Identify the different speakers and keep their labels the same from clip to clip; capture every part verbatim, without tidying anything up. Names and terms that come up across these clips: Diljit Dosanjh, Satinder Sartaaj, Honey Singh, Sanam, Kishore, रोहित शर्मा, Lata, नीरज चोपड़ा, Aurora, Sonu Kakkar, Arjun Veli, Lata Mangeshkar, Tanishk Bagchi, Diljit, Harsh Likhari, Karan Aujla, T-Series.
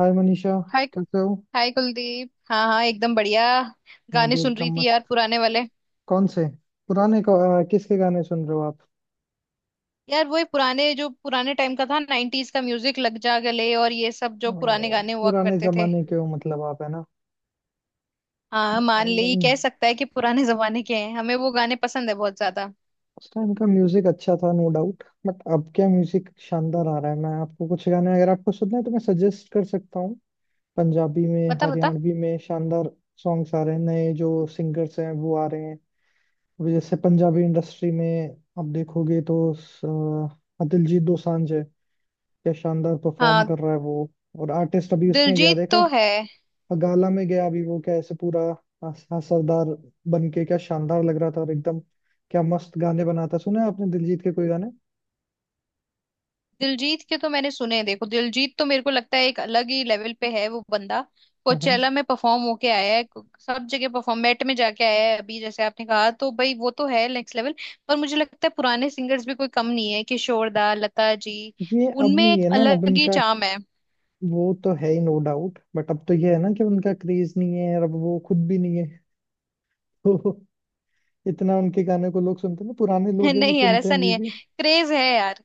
Speaker 1: हाय Manisha.
Speaker 2: Hi.
Speaker 1: कैसे हो?
Speaker 2: Hi Kuldeep, हाँ हाँ एकदम बढ़िया।
Speaker 1: मैं
Speaker 2: गाने
Speaker 1: भी
Speaker 2: सुन रही
Speaker 1: एकदम
Speaker 2: थी
Speaker 1: मस्त।
Speaker 2: यार, पुराने वाले।
Speaker 1: कौन से पुराने को, अ, किसके गाने सुन रहे हो आप?
Speaker 2: यार वो पुराने, जो पुराने टाइम का था, नाइनटीज का म्यूजिक, लग जा गले और ये सब जो पुराने
Speaker 1: ओ,
Speaker 2: गाने हुआ
Speaker 1: पुराने
Speaker 2: करते थे।
Speaker 1: जमाने के हो मतलब आप, है ना?
Speaker 2: हाँ, मान ले, ये कह
Speaker 1: अम,
Speaker 2: सकता है कि पुराने जमाने के हैं। हमें वो गाने पसंद है बहुत ज्यादा।
Speaker 1: उस टाइम का म्यूजिक अच्छा था, नो डाउट, बट अब क्या म्यूजिक शानदार आ रहा है। मैं आपको कुछ गाने, अगर आपको सुनना है तो मैं सजेस्ट कर सकता हूँ। पंजाबी में,
Speaker 2: बता बता।
Speaker 1: हरियाणवी में शानदार सॉन्ग्स आ रहे हैं। नए जो सिंगर्स हैं वो आ रहे हैं। अभी जैसे पंजाबी इंडस्ट्री में आप देखोगे तो स- अ, दिलजीत दोसांझ है। क्या शानदार परफॉर्म
Speaker 2: हाँ,
Speaker 1: कर रहा है वो। और आर्टिस्ट अभी उसमें गया
Speaker 2: दिलजीत
Speaker 1: देखा।
Speaker 2: तो है।
Speaker 1: गाला में गया अभी वो, कैसे पूरा हस- असरदार बन के क्या शानदार लग रहा था, और एकदम क्या मस्त गाने बनाता है। सुना है आपने दिलजीत के कोई गाने?
Speaker 2: दिलजीत के तो मैंने सुने हैं। देखो, दिलजीत तो मेरे को लगता है एक अलग ही लेवल पे है वो बंदा।
Speaker 1: हम्म।
Speaker 2: कोचेला में परफॉर्म होके आया है। सब जगह परफॉर्म मेट में जाके आया है। अभी जैसे आपने कहा, तो भाई वो तो है नेक्स्ट लेवल। पर मुझे लगता है पुराने सिंगर्स भी कोई कम नहीं है, किशोर दा, लता जी।
Speaker 1: ये अब
Speaker 2: उनमें
Speaker 1: नहीं
Speaker 2: एक
Speaker 1: है ना अब
Speaker 2: अलग ही
Speaker 1: इनका।
Speaker 2: चाम है।
Speaker 1: वो तो है ही, नो डाउट, बट अब तो ये है ना कि उनका क्रेज नहीं है, और अब वो खुद भी नहीं है। तो इतना उनके गाने को लोग सुनते हैं ना? पुराने लोग हैं वो
Speaker 2: नहीं यार,
Speaker 1: सुनते हैं
Speaker 2: ऐसा नहीं
Speaker 1: अभी
Speaker 2: है।
Speaker 1: भी।
Speaker 2: क्रेज है यार।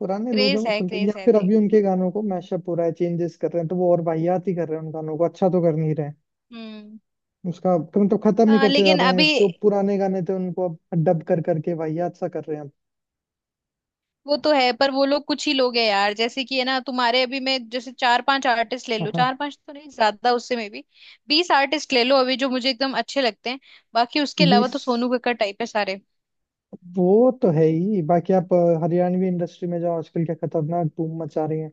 Speaker 1: पुराने लोग हैं
Speaker 2: क्रेज
Speaker 1: वो
Speaker 2: है,
Speaker 1: सुनते हैं, या
Speaker 2: क्रेज है,
Speaker 1: फिर
Speaker 2: देख।
Speaker 1: अभी उनके गानों को मैशअप हो रहा है, चेंजेस कर रहे हैं तो वो और वाहियात ही कर रहे हैं उन गानों को, अच्छा तो कर नहीं रहे।
Speaker 2: हम्म।
Speaker 1: उसका तो मतलब खत्म ही
Speaker 2: हाँ,
Speaker 1: करते जा
Speaker 2: लेकिन
Speaker 1: रहे हैं।
Speaker 2: अभी।
Speaker 1: जो पुराने गाने थे उनको अब डब कर करके वाहियात सा कर रहे हैं अब।
Speaker 2: वो तो है, पर वो लोग कुछ ही लोग हैं यार। जैसे कि है ना, तुम्हारे अभी मैं जैसे चार पांच आर्टिस्ट ले
Speaker 1: हाँ
Speaker 2: लो,
Speaker 1: हाँ।
Speaker 2: चार पांच तो नहीं, ज्यादा उससे में भी। बीस आर्टिस्ट ले लो, अभी जो मुझे एकदम अच्छे लगते हैं। बाकी उसके अलावा
Speaker 1: बीस।
Speaker 2: तो सोनू कक्कड़ टाइप है सारे।
Speaker 1: वो तो है ही। बाकी आप अ, हरियाणवी इंडस्ट्री में जाओ, आजकल क्या खतरनाक धूम मचा रही है।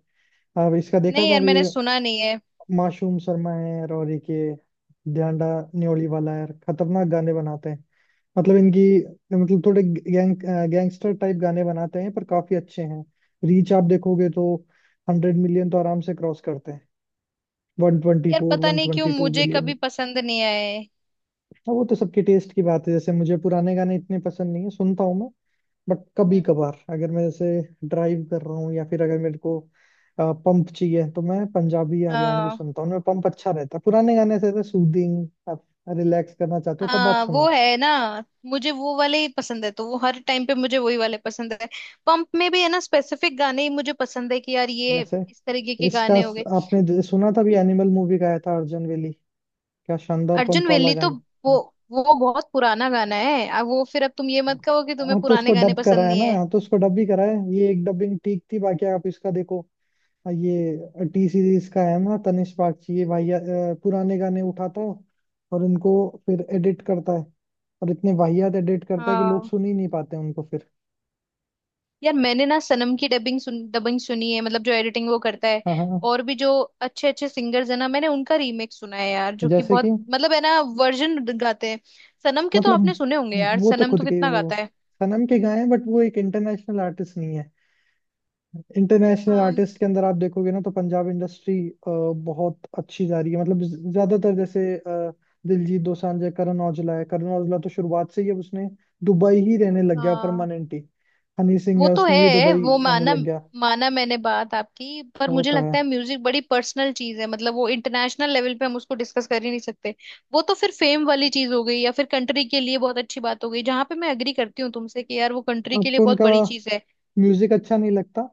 Speaker 1: अब इसका देखा
Speaker 2: नहीं
Speaker 1: था
Speaker 2: यार,
Speaker 1: अभी।
Speaker 2: मैंने सुना नहीं है।
Speaker 1: मासूम शर्मा है, और एक ये ध्यांडा न्योली वाला है, खतरनाक गाने बनाते हैं। मतलब इनकी, मतलब थोड़े गैंग गैंगस्टर टाइप गाने बनाते हैं, पर काफी अच्छे हैं। रीच आप देखोगे तो हंड्रेड मिलियन तो आराम से क्रॉस करते हैं।
Speaker 2: यार
Speaker 1: वन ट्वेंटी फोर,
Speaker 2: पता नहीं क्यों
Speaker 1: वन ट्वेंटी टू
Speaker 2: मुझे कभी
Speaker 1: मिलियन।
Speaker 2: पसंद नहीं आए।
Speaker 1: हाँ, वो तो सबके टेस्ट की बात है, जैसे मुझे पुराने गाने इतने पसंद नहीं है, सुनता हूँ मैं। बट कभी
Speaker 2: हम्म।
Speaker 1: कभार, अगर मैं जैसे ड्राइव कर रहा हूँ, या फिर अगर मेरे को पंप चाहिए तो मैं पंजाबी या हरियाणवी
Speaker 2: हाँ
Speaker 1: सुनता हूँ। उनमें पंप अच्छा रहता है। पुराने गाने से सूदिंग, आप रिलैक्स करना चाहते हो तब आप
Speaker 2: हाँ। वो
Speaker 1: सुनो।
Speaker 2: है ना, मुझे वो वाले ही पसंद है, तो वो हर टाइम पे मुझे वही वाले पसंद है। पंप में भी है ना, स्पेसिफिक गाने ही मुझे पसंद है कि यार, ये
Speaker 1: जैसे
Speaker 2: इस तरीके के
Speaker 1: इसका
Speaker 2: गाने हो
Speaker 1: स-
Speaker 2: गए।
Speaker 1: आपने ज- सुना था भी एनिमल मूवी का, आया था अर्जुन वेली। क्या शानदार
Speaker 2: अर्जुन
Speaker 1: पंप वाला
Speaker 2: वेली तो
Speaker 1: गाना।
Speaker 2: वो
Speaker 1: हाँ।
Speaker 2: वो बहुत पुराना गाना है। अब वो फिर, अब तुम ये मत कहो कि तुम्हें
Speaker 1: हाँ, तो उसको
Speaker 2: पुराने गाने
Speaker 1: डब करा
Speaker 2: पसंद
Speaker 1: है
Speaker 2: नहीं
Speaker 1: ना,
Speaker 2: है।
Speaker 1: हाँ, तो उसको डब भी करा है। ये एक डबिंग ठीक थी। बाकी आप इसका देखो, ये टी सीरीज का है ना, तनिष्क बागची ये वाहिया अ, पुराने गाने उठाता है, और उनको फिर एडिट करता है, और इतने वाहियात एडिट करता है कि लोग
Speaker 2: हाँ
Speaker 1: सुन ही नहीं पाते उनको फिर।
Speaker 2: यार, मैंने ना सनम की डबिंग सुन डबिंग सुनी है, मतलब जो एडिटिंग वो करता है।
Speaker 1: हाँ हाँ हाँ।
Speaker 2: और भी जो अच्छे अच्छे सिंगर्स है ना, मैंने उनका रीमेक सुना है यार, जो कि
Speaker 1: जैसे कि
Speaker 2: बहुत, मतलब है ना, वर्जन गाते हैं। सनम के तो आपने
Speaker 1: मतलब
Speaker 2: सुने होंगे यार,
Speaker 1: वो तो
Speaker 2: सनम तो
Speaker 1: खुद के ही
Speaker 2: कितना
Speaker 1: वो,
Speaker 2: गाता है।
Speaker 1: सनम के गाए हैं, बट वो एक इंटरनेशनल आर्टिस्ट नहीं है। इंटरनेशनल आर्टिस्ट के अंदर आप देखोगे ना, तो पंजाब इंडस्ट्री बहुत अच्छी जा रही है। मतलब ज- ज्यादातर, जैसे अ, दिलजीत दोसांझ है, करण औजला है। करण औजला तो शुरुआत से ही, अब उसने दुबई ही रहने लग गया
Speaker 2: हाँ
Speaker 1: परमानेंटली। हनी सिंह
Speaker 2: वो
Speaker 1: है,
Speaker 2: तो
Speaker 1: उसने भी
Speaker 2: है,
Speaker 1: दुबई
Speaker 2: वो
Speaker 1: रहने
Speaker 2: माना।
Speaker 1: लग गया।
Speaker 2: माना मैंने बात आपकी, पर
Speaker 1: वो
Speaker 2: मुझे
Speaker 1: तो है।
Speaker 2: लगता है म्यूजिक बड़ी पर्सनल चीज है, मतलब वो इंटरनेशनल लेवल पे हम उसको डिस्कस कर ही नहीं सकते। वो तो फिर फेम वाली चीज हो गई, या फिर कंट्री के लिए बहुत अच्छी बात हो गई, जहां पे मैं एग्री करती हूँ तुमसे कि यार वो कंट्री के लिए
Speaker 1: आपको
Speaker 2: बहुत
Speaker 1: उनका
Speaker 2: बड़ी चीज है।
Speaker 1: म्यूजिक अच्छा नहीं लगता?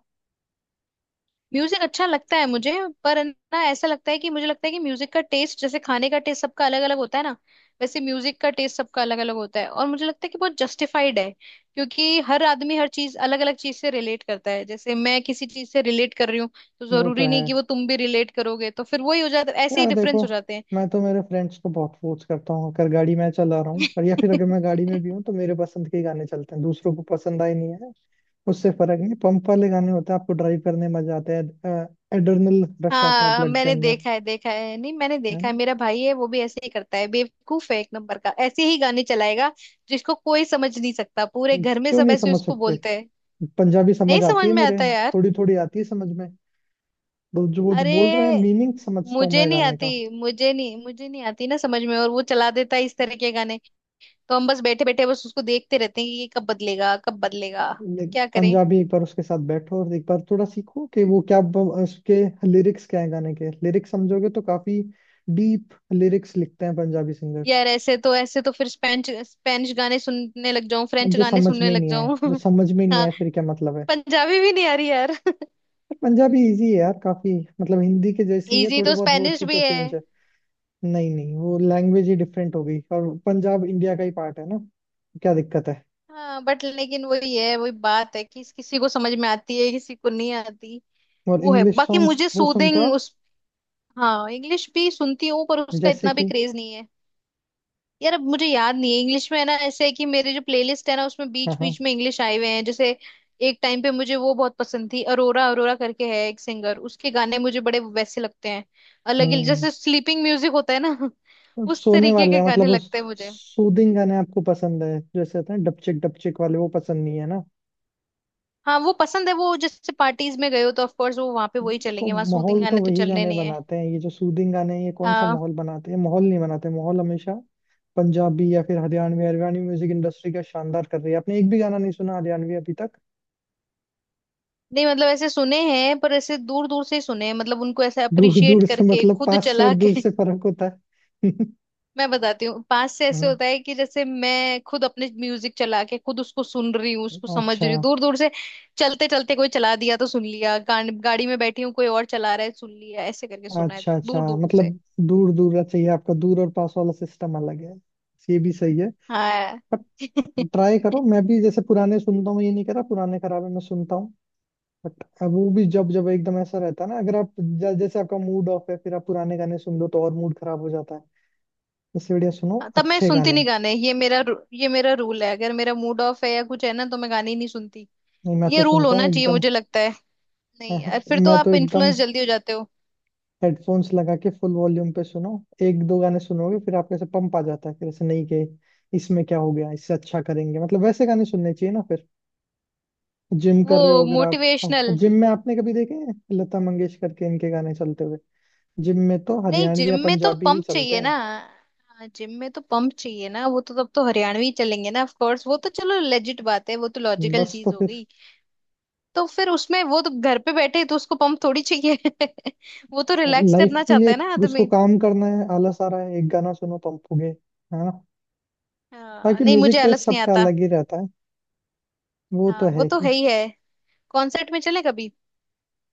Speaker 2: म्यूजिक अच्छा लगता है मुझे। पर है ना, ऐसा लगता है कि, मुझे लगता है कि म्यूजिक का टेस्ट जैसे खाने का टेस्ट सबका अलग अलग होता है ना। वैसे म्यूजिक का टेस्ट सबका अलग अलग होता है, और मुझे लगता है कि बहुत जस्टिफाइड है क्योंकि हर आदमी हर चीज अलग अलग चीज से रिलेट करता है, जैसे मैं किसी चीज से रिलेट कर रही हूँ। तो
Speaker 1: वो तो
Speaker 2: जरूरी नहीं
Speaker 1: है
Speaker 2: कि वो तुम भी रिलेट करोगे, तो फिर वही हो जाता है, ऐसे ही
Speaker 1: यार। देखो,
Speaker 2: डिफरेंस हो जाते
Speaker 1: मैं तो मेरे फ्रेंड्स को बहुत फोर्स करता हूँ, अगर गाड़ी में चला रहा हूँ, और या
Speaker 2: हैं।
Speaker 1: फिर अगर मैं गाड़ी में भी हूँ तो मेरे पसंद के ही गाने चलते हैं, दूसरों को पसंद आए नहीं है। उससे फर्क है, पंप वाले गाने होते हैं, आपको ड्राइव करने में मजा आता है, एड्रेनल रश आता है
Speaker 2: हाँ
Speaker 1: ब्लड के
Speaker 2: मैंने
Speaker 1: अंदर।
Speaker 2: देखा है, देखा है नहीं, मैंने
Speaker 1: है
Speaker 2: देखा है,
Speaker 1: ना?
Speaker 2: मेरा भाई है, वो भी ऐसे ही करता है। बेवकूफ है एक नंबर का, ऐसे ही गाने चलाएगा जिसको कोई समझ नहीं सकता। पूरे घर में
Speaker 1: क्यों
Speaker 2: सब
Speaker 1: नहीं
Speaker 2: ऐसे
Speaker 1: समझ
Speaker 2: उसको
Speaker 1: सकते?
Speaker 2: बोलते हैं।
Speaker 1: पंजाबी
Speaker 2: नहीं
Speaker 1: समझ
Speaker 2: समझ
Speaker 1: आती है
Speaker 2: में
Speaker 1: मेरे।
Speaker 2: आता यार।
Speaker 1: थोड़ी थोड़ी आती है समझ में, तो जो वो जो
Speaker 2: अरे
Speaker 1: बोल रहे हैं मीनिंग समझता हूँ
Speaker 2: मुझे
Speaker 1: मैं
Speaker 2: नहीं
Speaker 1: गाने का।
Speaker 2: आती मुझे नहीं मुझे नहीं आती ना समझ में, और वो चला देता है इस तरह के गाने। तो हम बस बैठे बैठे बस उसको देखते रहते हैं कि ये कब बदलेगा कब बदलेगा,
Speaker 1: ले-
Speaker 2: अब क्या करें।
Speaker 1: पंजाबी, एक बार उसके साथ बैठो और एक बार थोड़ा सीखो, कि वो क्या ब- उसके लिरिक्स क्या है, गाने के लिरिक्स समझोगे तो, काफी डीप लिरिक्स लिखते हैं पंजाबी सिंगर्स।
Speaker 2: यार ऐसे तो ऐसे तो फिर स्पेनिश स्पेनिश गाने सुनने लग जाऊं, फ्रेंच
Speaker 1: जो
Speaker 2: गाने
Speaker 1: समझ
Speaker 2: सुनने
Speaker 1: में ही
Speaker 2: लग
Speaker 1: नहीं आए,
Speaker 2: जाऊं।
Speaker 1: जो समझ में ही नहीं
Speaker 2: हाँ,
Speaker 1: आए, फिर क्या मतलब है?
Speaker 2: पंजाबी भी नहीं आ रही यार।
Speaker 1: पंजाबी इजी है यार, काफी। मतलब हिंदी के जैसी है,
Speaker 2: इजी
Speaker 1: थोड़े
Speaker 2: तो
Speaker 1: बहुत वर्ड्स
Speaker 2: स्पेनिश
Speaker 1: ही
Speaker 2: भी
Speaker 1: तो
Speaker 2: है।
Speaker 1: चेंज है। नहीं नहीं, वो लैंग्वेज ही डिफरेंट हो गई, और पंजाब इंडिया का ही पार्ट है ना, क्या दिक्कत है?
Speaker 2: हाँ बट लेकिन वही है, वही बात है कि किसी को समझ में आती है, किसी को नहीं आती।
Speaker 1: और
Speaker 2: वो है,
Speaker 1: इंग्लिश
Speaker 2: बाकी
Speaker 1: सॉन्ग्स
Speaker 2: मुझे
Speaker 1: वो सुनते हो
Speaker 2: सूदिंग
Speaker 1: आप?
Speaker 2: उस। हाँ, इंग्लिश भी सुनती हूँ, पर उसका
Speaker 1: जैसे
Speaker 2: इतना भी
Speaker 1: कि।
Speaker 2: क्रेज नहीं है। यार अब मुझे याद नहीं है इंग्लिश में, है ना ऐसे है कि मेरे जो प्लेलिस्ट है ना, उसमें
Speaker 1: हाँ
Speaker 2: बीच
Speaker 1: हाँ।
Speaker 2: बीच में इंग्लिश आए हुए हैं, जैसे। एक टाइम पे मुझे वो बहुत पसंद थी, अरोरा अरोरा करके है एक सिंगर, उसके गाने मुझे बड़े वैसे लगते हैं। अलग ही,
Speaker 1: हम्म।
Speaker 2: जैसे स्लीपिंग म्यूजिक होता है ना, उस
Speaker 1: सोने
Speaker 2: तरीके
Speaker 1: वाले
Speaker 2: के
Speaker 1: हैं
Speaker 2: गाने
Speaker 1: मतलब।
Speaker 2: लगते हैं मुझे।
Speaker 1: सूदिंग गाने आपको पसंद है, जैसे होते हैं डपचिक डपचिक वाले वो पसंद नहीं है ना।
Speaker 2: हाँ वो पसंद है, वो जैसे पार्टीज में गए हो तो ऑफ कोर्स वो वहां पे वही
Speaker 1: देखो
Speaker 2: चलेंगे, वहां सूदिंग
Speaker 1: माहौल तो
Speaker 2: गाने तो
Speaker 1: वही
Speaker 2: चलने
Speaker 1: गाने
Speaker 2: नहीं है।
Speaker 1: बनाते हैं, ये जो सूदिंग गाने हैं ये कौन सा
Speaker 2: हाँ
Speaker 1: माहौल बनाते हैं? माहौल नहीं बनाते। माहौल हमेशा पंजाबी या फिर हरियाणवी, हरियाणवी म्यूजिक इंडस्ट्री का शानदार कर रही है। आपने एक भी गाना नहीं सुना हरियाणवी अभी तक?
Speaker 2: नहीं, मतलब ऐसे सुने हैं पर ऐसे दूर दूर से ही सुने हैं, मतलब उनको ऐसे
Speaker 1: दूर
Speaker 2: अप्रिशिएट
Speaker 1: दूर से
Speaker 2: करके
Speaker 1: मतलब?
Speaker 2: खुद
Speaker 1: पास से
Speaker 2: चला
Speaker 1: और दूर
Speaker 2: के।
Speaker 1: से फर्क होता है।
Speaker 2: मैं बताती हूँ, पास से ऐसे
Speaker 1: हम्म।
Speaker 2: होता है कि जैसे मैं खुद अपने म्यूजिक चला के खुद उसको सुन रही हूँ, उसको समझ
Speaker 1: अच्छा।
Speaker 2: रही हूँ। दूर दूर से चलते चलते कोई चला दिया तो सुन लिया, गाड़, गाड़ी में बैठी हूँ कोई और चला रहा है, सुन लिया, ऐसे करके सुना है
Speaker 1: अच्छा अच्छा,
Speaker 2: दूर दूर से।
Speaker 1: मतलब दूर दूर चाहिए आपका, दूर और पास वाला सिस्टम अलग है। ये भी सही है।
Speaker 2: हाँ।
Speaker 1: पर ट्राई करो, मैं भी जैसे पुराने सुनता हूँ, ये नहीं करा पुराने खराबे में सुनता हूँ। बट अब वो भी, जब जब एकदम ऐसा रहता है ना, अगर आप ज- जैसे आपका मूड ऑफ है, फिर आप पुराने गाने सुन लो तो और मूड खराब हो जाता है। इससे बढ़िया सुनो
Speaker 2: हाँ, तब मैं
Speaker 1: अच्छे
Speaker 2: सुनती
Speaker 1: गाने।
Speaker 2: नहीं गाने, ये मेरा रू- ये मेरा रूल है, अगर मेरा मूड ऑफ है या कुछ है ना तो मैं गाने ही नहीं सुनती।
Speaker 1: नहीं, मैं तो
Speaker 2: ये रूल
Speaker 1: सुनता
Speaker 2: होना
Speaker 1: हूँ
Speaker 2: चाहिए,
Speaker 1: एकदम।
Speaker 2: मुझे लगता है। नहीं यार, फिर तो
Speaker 1: मैं तो
Speaker 2: आप
Speaker 1: एकदम
Speaker 2: इन्फ्लुएंस जल्दी हो जाते हो।
Speaker 1: हेडफोन्स लगा के फुल वॉल्यूम पे सुनो। एक दो गाने सुनोगे फिर आपको ऐसे पंप आ जाता है। फिर ऐसे नहीं कि इसमें क्या हो गया, इससे अच्छा करेंगे, मतलब वैसे गाने सुनने चाहिए ना फिर। जिम कर
Speaker 2: वो
Speaker 1: रहे हो अगर आप,
Speaker 2: मोटिवेशनल।
Speaker 1: जिम में आपने कभी देखे हैं लता मंगेशकर के इनके गाने चलते हुए? जिम में तो
Speaker 2: नहीं
Speaker 1: हरियाणवी
Speaker 2: जिम
Speaker 1: या
Speaker 2: में तो
Speaker 1: पंजाबी ही
Speaker 2: पंप चाहिए
Speaker 1: चलते
Speaker 2: ना। हाँ, जिम में तो पंप चाहिए ना, वो तो तब तो हरियाणवी चलेंगे ना, ऑफ कोर्स, वो तो चलो लेजिट बात है, वो तो
Speaker 1: हैं,
Speaker 2: लॉजिकल
Speaker 1: बस। तो
Speaker 2: चीज हो
Speaker 1: फिर
Speaker 2: गई। तो फिर उसमें वो तो घर पे बैठे तो उसको पंप थोड़ी चाहिए। वो तो रिलैक्स
Speaker 1: लाइफ
Speaker 2: करना
Speaker 1: के
Speaker 2: चाहता
Speaker 1: लिए,
Speaker 2: है ना
Speaker 1: उसको
Speaker 2: आदमी।
Speaker 1: काम करना है, आलस आ रहा है, एक गाना सुनो पंप हो गए, है ना?
Speaker 2: हाँ
Speaker 1: बाकी
Speaker 2: नहीं,
Speaker 1: म्यूजिक
Speaker 2: मुझे
Speaker 1: टेस्ट
Speaker 2: आलस नहीं
Speaker 1: सबका
Speaker 2: आता।
Speaker 1: अलग ही रहता है। वो
Speaker 2: हाँ
Speaker 1: तो
Speaker 2: वो
Speaker 1: है
Speaker 2: तो
Speaker 1: ही।
Speaker 2: है ही है। कॉन्सर्ट में चले कभी?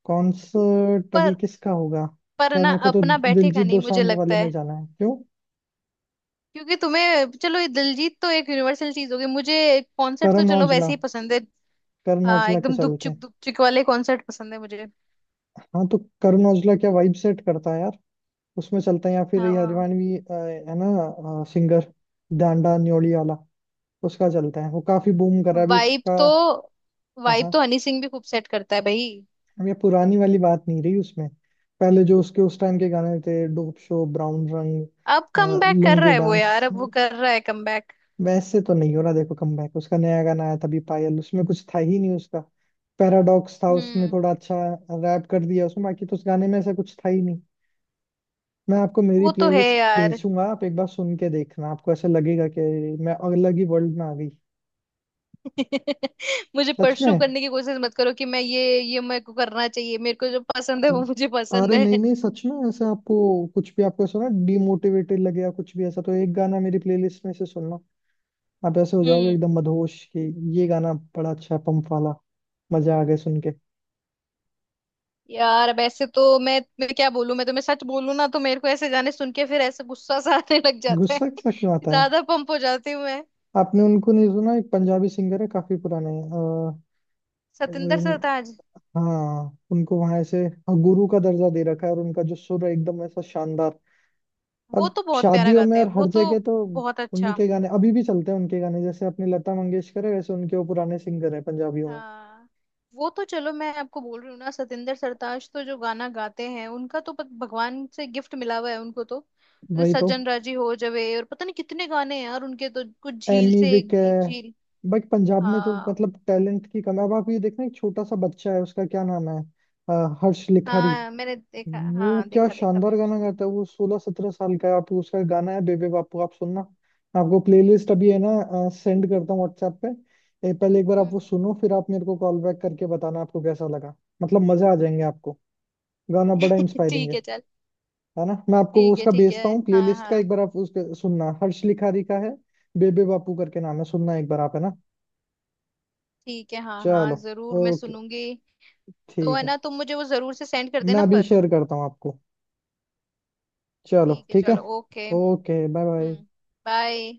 Speaker 1: कॉन्सर्ट अभी
Speaker 2: पर।
Speaker 1: किसका होगा?
Speaker 2: पर
Speaker 1: यार
Speaker 2: ना,
Speaker 1: मेरे को तो
Speaker 2: अपना बैठेगा
Speaker 1: दिलजीत
Speaker 2: नहीं मुझे
Speaker 1: दोसांझ वाले
Speaker 2: लगता
Speaker 1: में
Speaker 2: है।
Speaker 1: जाना है। क्यों?
Speaker 2: क्योंकि तुम्हें चलो, ये दिलजीत तो एक यूनिवर्सल चीज होगी, मुझे कॉन्सर्ट तो
Speaker 1: करण
Speaker 2: चलो
Speaker 1: औजला,
Speaker 2: वैसे ही पसंद है।
Speaker 1: करण
Speaker 2: आ,
Speaker 1: औजला के
Speaker 2: एकदम
Speaker 1: चलते
Speaker 2: दुपचुक
Speaker 1: हैं।
Speaker 2: दुपचुक वाले कॉन्सर्ट पसंद है मुझे।
Speaker 1: हाँ, तो करण औजला क्या वाइब सेट करता है यार, उसमें चलते हैं। या फिर ये
Speaker 2: हाँ,
Speaker 1: हरिवाणवी अ, है ना सिंगर, डांडा न्योली वाला, उसका चलता है। वो काफी बूम कर रहा है अभी
Speaker 2: वाइब
Speaker 1: उसका।
Speaker 2: तो
Speaker 1: हाँ
Speaker 2: वाइब तो
Speaker 1: हाँ।
Speaker 2: हनी सिंह भी खूब सेट करता है भाई।
Speaker 1: अब ये पुरानी वाली बात नहीं रही उसमें। पहले जो उसके उस टाइम के गाने थे, डोप शो, ब्राउन रंग,
Speaker 2: अब कम
Speaker 1: अ,
Speaker 2: बैक कर रहा
Speaker 1: लुंगी
Speaker 2: है वो यार,
Speaker 1: डांस।
Speaker 2: अब वो कर रहा है कम बैक।
Speaker 1: वैसे तो नहीं हो रहा देखो कमबैक उसका। नया गाना आया था अभी पायल, उसमें कुछ था ही नहीं उसका। पैराडॉक्स था, उसने
Speaker 2: हम्म।
Speaker 1: थोड़ा अच्छा रैप कर दिया उसमें, बाकी तो उस गाने में ऐसा कुछ था ही नहीं। मैं आपको मेरी
Speaker 2: वो तो है
Speaker 1: प्लेलिस्ट
Speaker 2: यार।
Speaker 1: भेजूंगा, आप एक बार सुन के देखना, आपको ऐसा लगेगा कि मैं अलग ही वर्ल्ड में आ गई।
Speaker 2: मुझे
Speaker 1: सच
Speaker 2: परसू
Speaker 1: में।
Speaker 2: करने की कोशिश मत करो कि मैं ये ये मेरे को करना चाहिए, मेरे को जो पसंद है वो मुझे पसंद
Speaker 1: अरे नहीं
Speaker 2: है।
Speaker 1: नहीं, सच में, ऐसे आपको कुछ भी, आपको सुना डिमोटिवेटेड लगे या कुछ भी ऐसा, तो एक गाना मेरी प्लेलिस्ट में से सुनना, आप ऐसे हो जाओगे
Speaker 2: हम्म।
Speaker 1: एकदम मदहोश, कि ये गाना बड़ा अच्छा है, पंप वाला, मजा आ गया सुन के।
Speaker 2: यार वैसे तो मैं मैं क्या बोलूं, मैं तुम्हें सच बोलूं ना तो मेरे को ऐसे गाने सुन के फिर ऐसे गुस्सा सा आने लग जाता है।
Speaker 1: गुस्सा सा क्यों आता है?
Speaker 2: ज्यादा पंप हो जाती हूँ मैं।
Speaker 1: आपने उनको नहीं सुना एक पंजाबी सिंगर है, काफी पुराने अ,
Speaker 2: सतिंदर
Speaker 1: अ,
Speaker 2: सरताज।
Speaker 1: हाँ, उनको वहां ऐसे गुरु का दर्जा दे रखा है, और उनका जो सुर है एकदम ऐसा शानदार।
Speaker 2: वो
Speaker 1: अब
Speaker 2: तो बहुत प्यारा
Speaker 1: शादियों में
Speaker 2: गाते हैं
Speaker 1: और
Speaker 2: वो
Speaker 1: हर
Speaker 2: तो।
Speaker 1: जगह तो
Speaker 2: बहुत
Speaker 1: उन्हीं
Speaker 2: अच्छा।
Speaker 1: के गाने अभी भी चलते हैं, उनके गाने। जैसे अपनी लता मंगेशकर है वैसे उनके वो पुराने सिंगर है पंजाबियों में।
Speaker 2: हाँ वो तो चलो, मैं आपको बोल रही हूँ ना, सतिंदर सरताज तो जो गाना गाते हैं उनका तो पत- भगवान से गिफ्ट मिला हुआ है उनको तो। जो
Speaker 1: वही तो।
Speaker 2: सज्जन राजी हो जवे, और पता नहीं कितने गाने हैं यार उनके तो, कुछ झील
Speaker 1: एमी
Speaker 2: से,
Speaker 1: विक
Speaker 2: एक
Speaker 1: है,
Speaker 2: एक झील।
Speaker 1: बट पंजाब में तो
Speaker 2: हाँ
Speaker 1: मतलब टैलेंट की कमी। अब आप ये देखना एक छोटा सा बच्चा है, उसका क्या नाम है, अ, हर्ष लिखारी।
Speaker 2: हाँ, मैंने देखा,
Speaker 1: वो
Speaker 2: हाँ,
Speaker 1: क्या
Speaker 2: देखा देखा
Speaker 1: शानदार
Speaker 2: मैंने
Speaker 1: गाना
Speaker 2: उसको।
Speaker 1: गाता है। वो सोलह सत्रह साल का है। आप उसका गाना है बेबे बापू, आप सुनना। मैं आपको प्लेलिस्ट अभी है ना सेंड करता हूँ व्हाट्सएप पे। ए, पहले एक बार आप वो
Speaker 2: हम्म।
Speaker 1: सुनो, फिर आप मेरे को कॉल बैक करके बताना आपको कैसा लगा। मतलब मजे आ जाएंगे आपको, गाना बड़ा इंस्पायरिंग
Speaker 2: ठीक
Speaker 1: है
Speaker 2: है चल।
Speaker 1: है ना? मैं आपको वो
Speaker 2: ठीक है,
Speaker 1: उसका
Speaker 2: ठीक
Speaker 1: भेजता
Speaker 2: है,
Speaker 1: हूँ
Speaker 2: हाँ
Speaker 1: प्लेलिस्ट का,
Speaker 2: हाँ।
Speaker 1: एक बार आप उसका सुनना, हर्ष लिखारी का है। बेबे बापू करके नाम है, सुनना एक बार आप, है ना?
Speaker 2: ठीक है, हाँ हाँ,
Speaker 1: चलो।
Speaker 2: जरूर मैं
Speaker 1: ओके।
Speaker 2: सुनूंगी। तो
Speaker 1: ठीक
Speaker 2: है
Speaker 1: है।
Speaker 2: ना, तुम मुझे वो जरूर से सेंड कर
Speaker 1: मैं
Speaker 2: देना,
Speaker 1: अभी
Speaker 2: पर।
Speaker 1: शेयर करता हूँ आपको। चलो
Speaker 2: ठीक है,
Speaker 1: ठीक है।
Speaker 2: चलो okay.
Speaker 1: Okay bye bye.
Speaker 2: Hmm. Bye.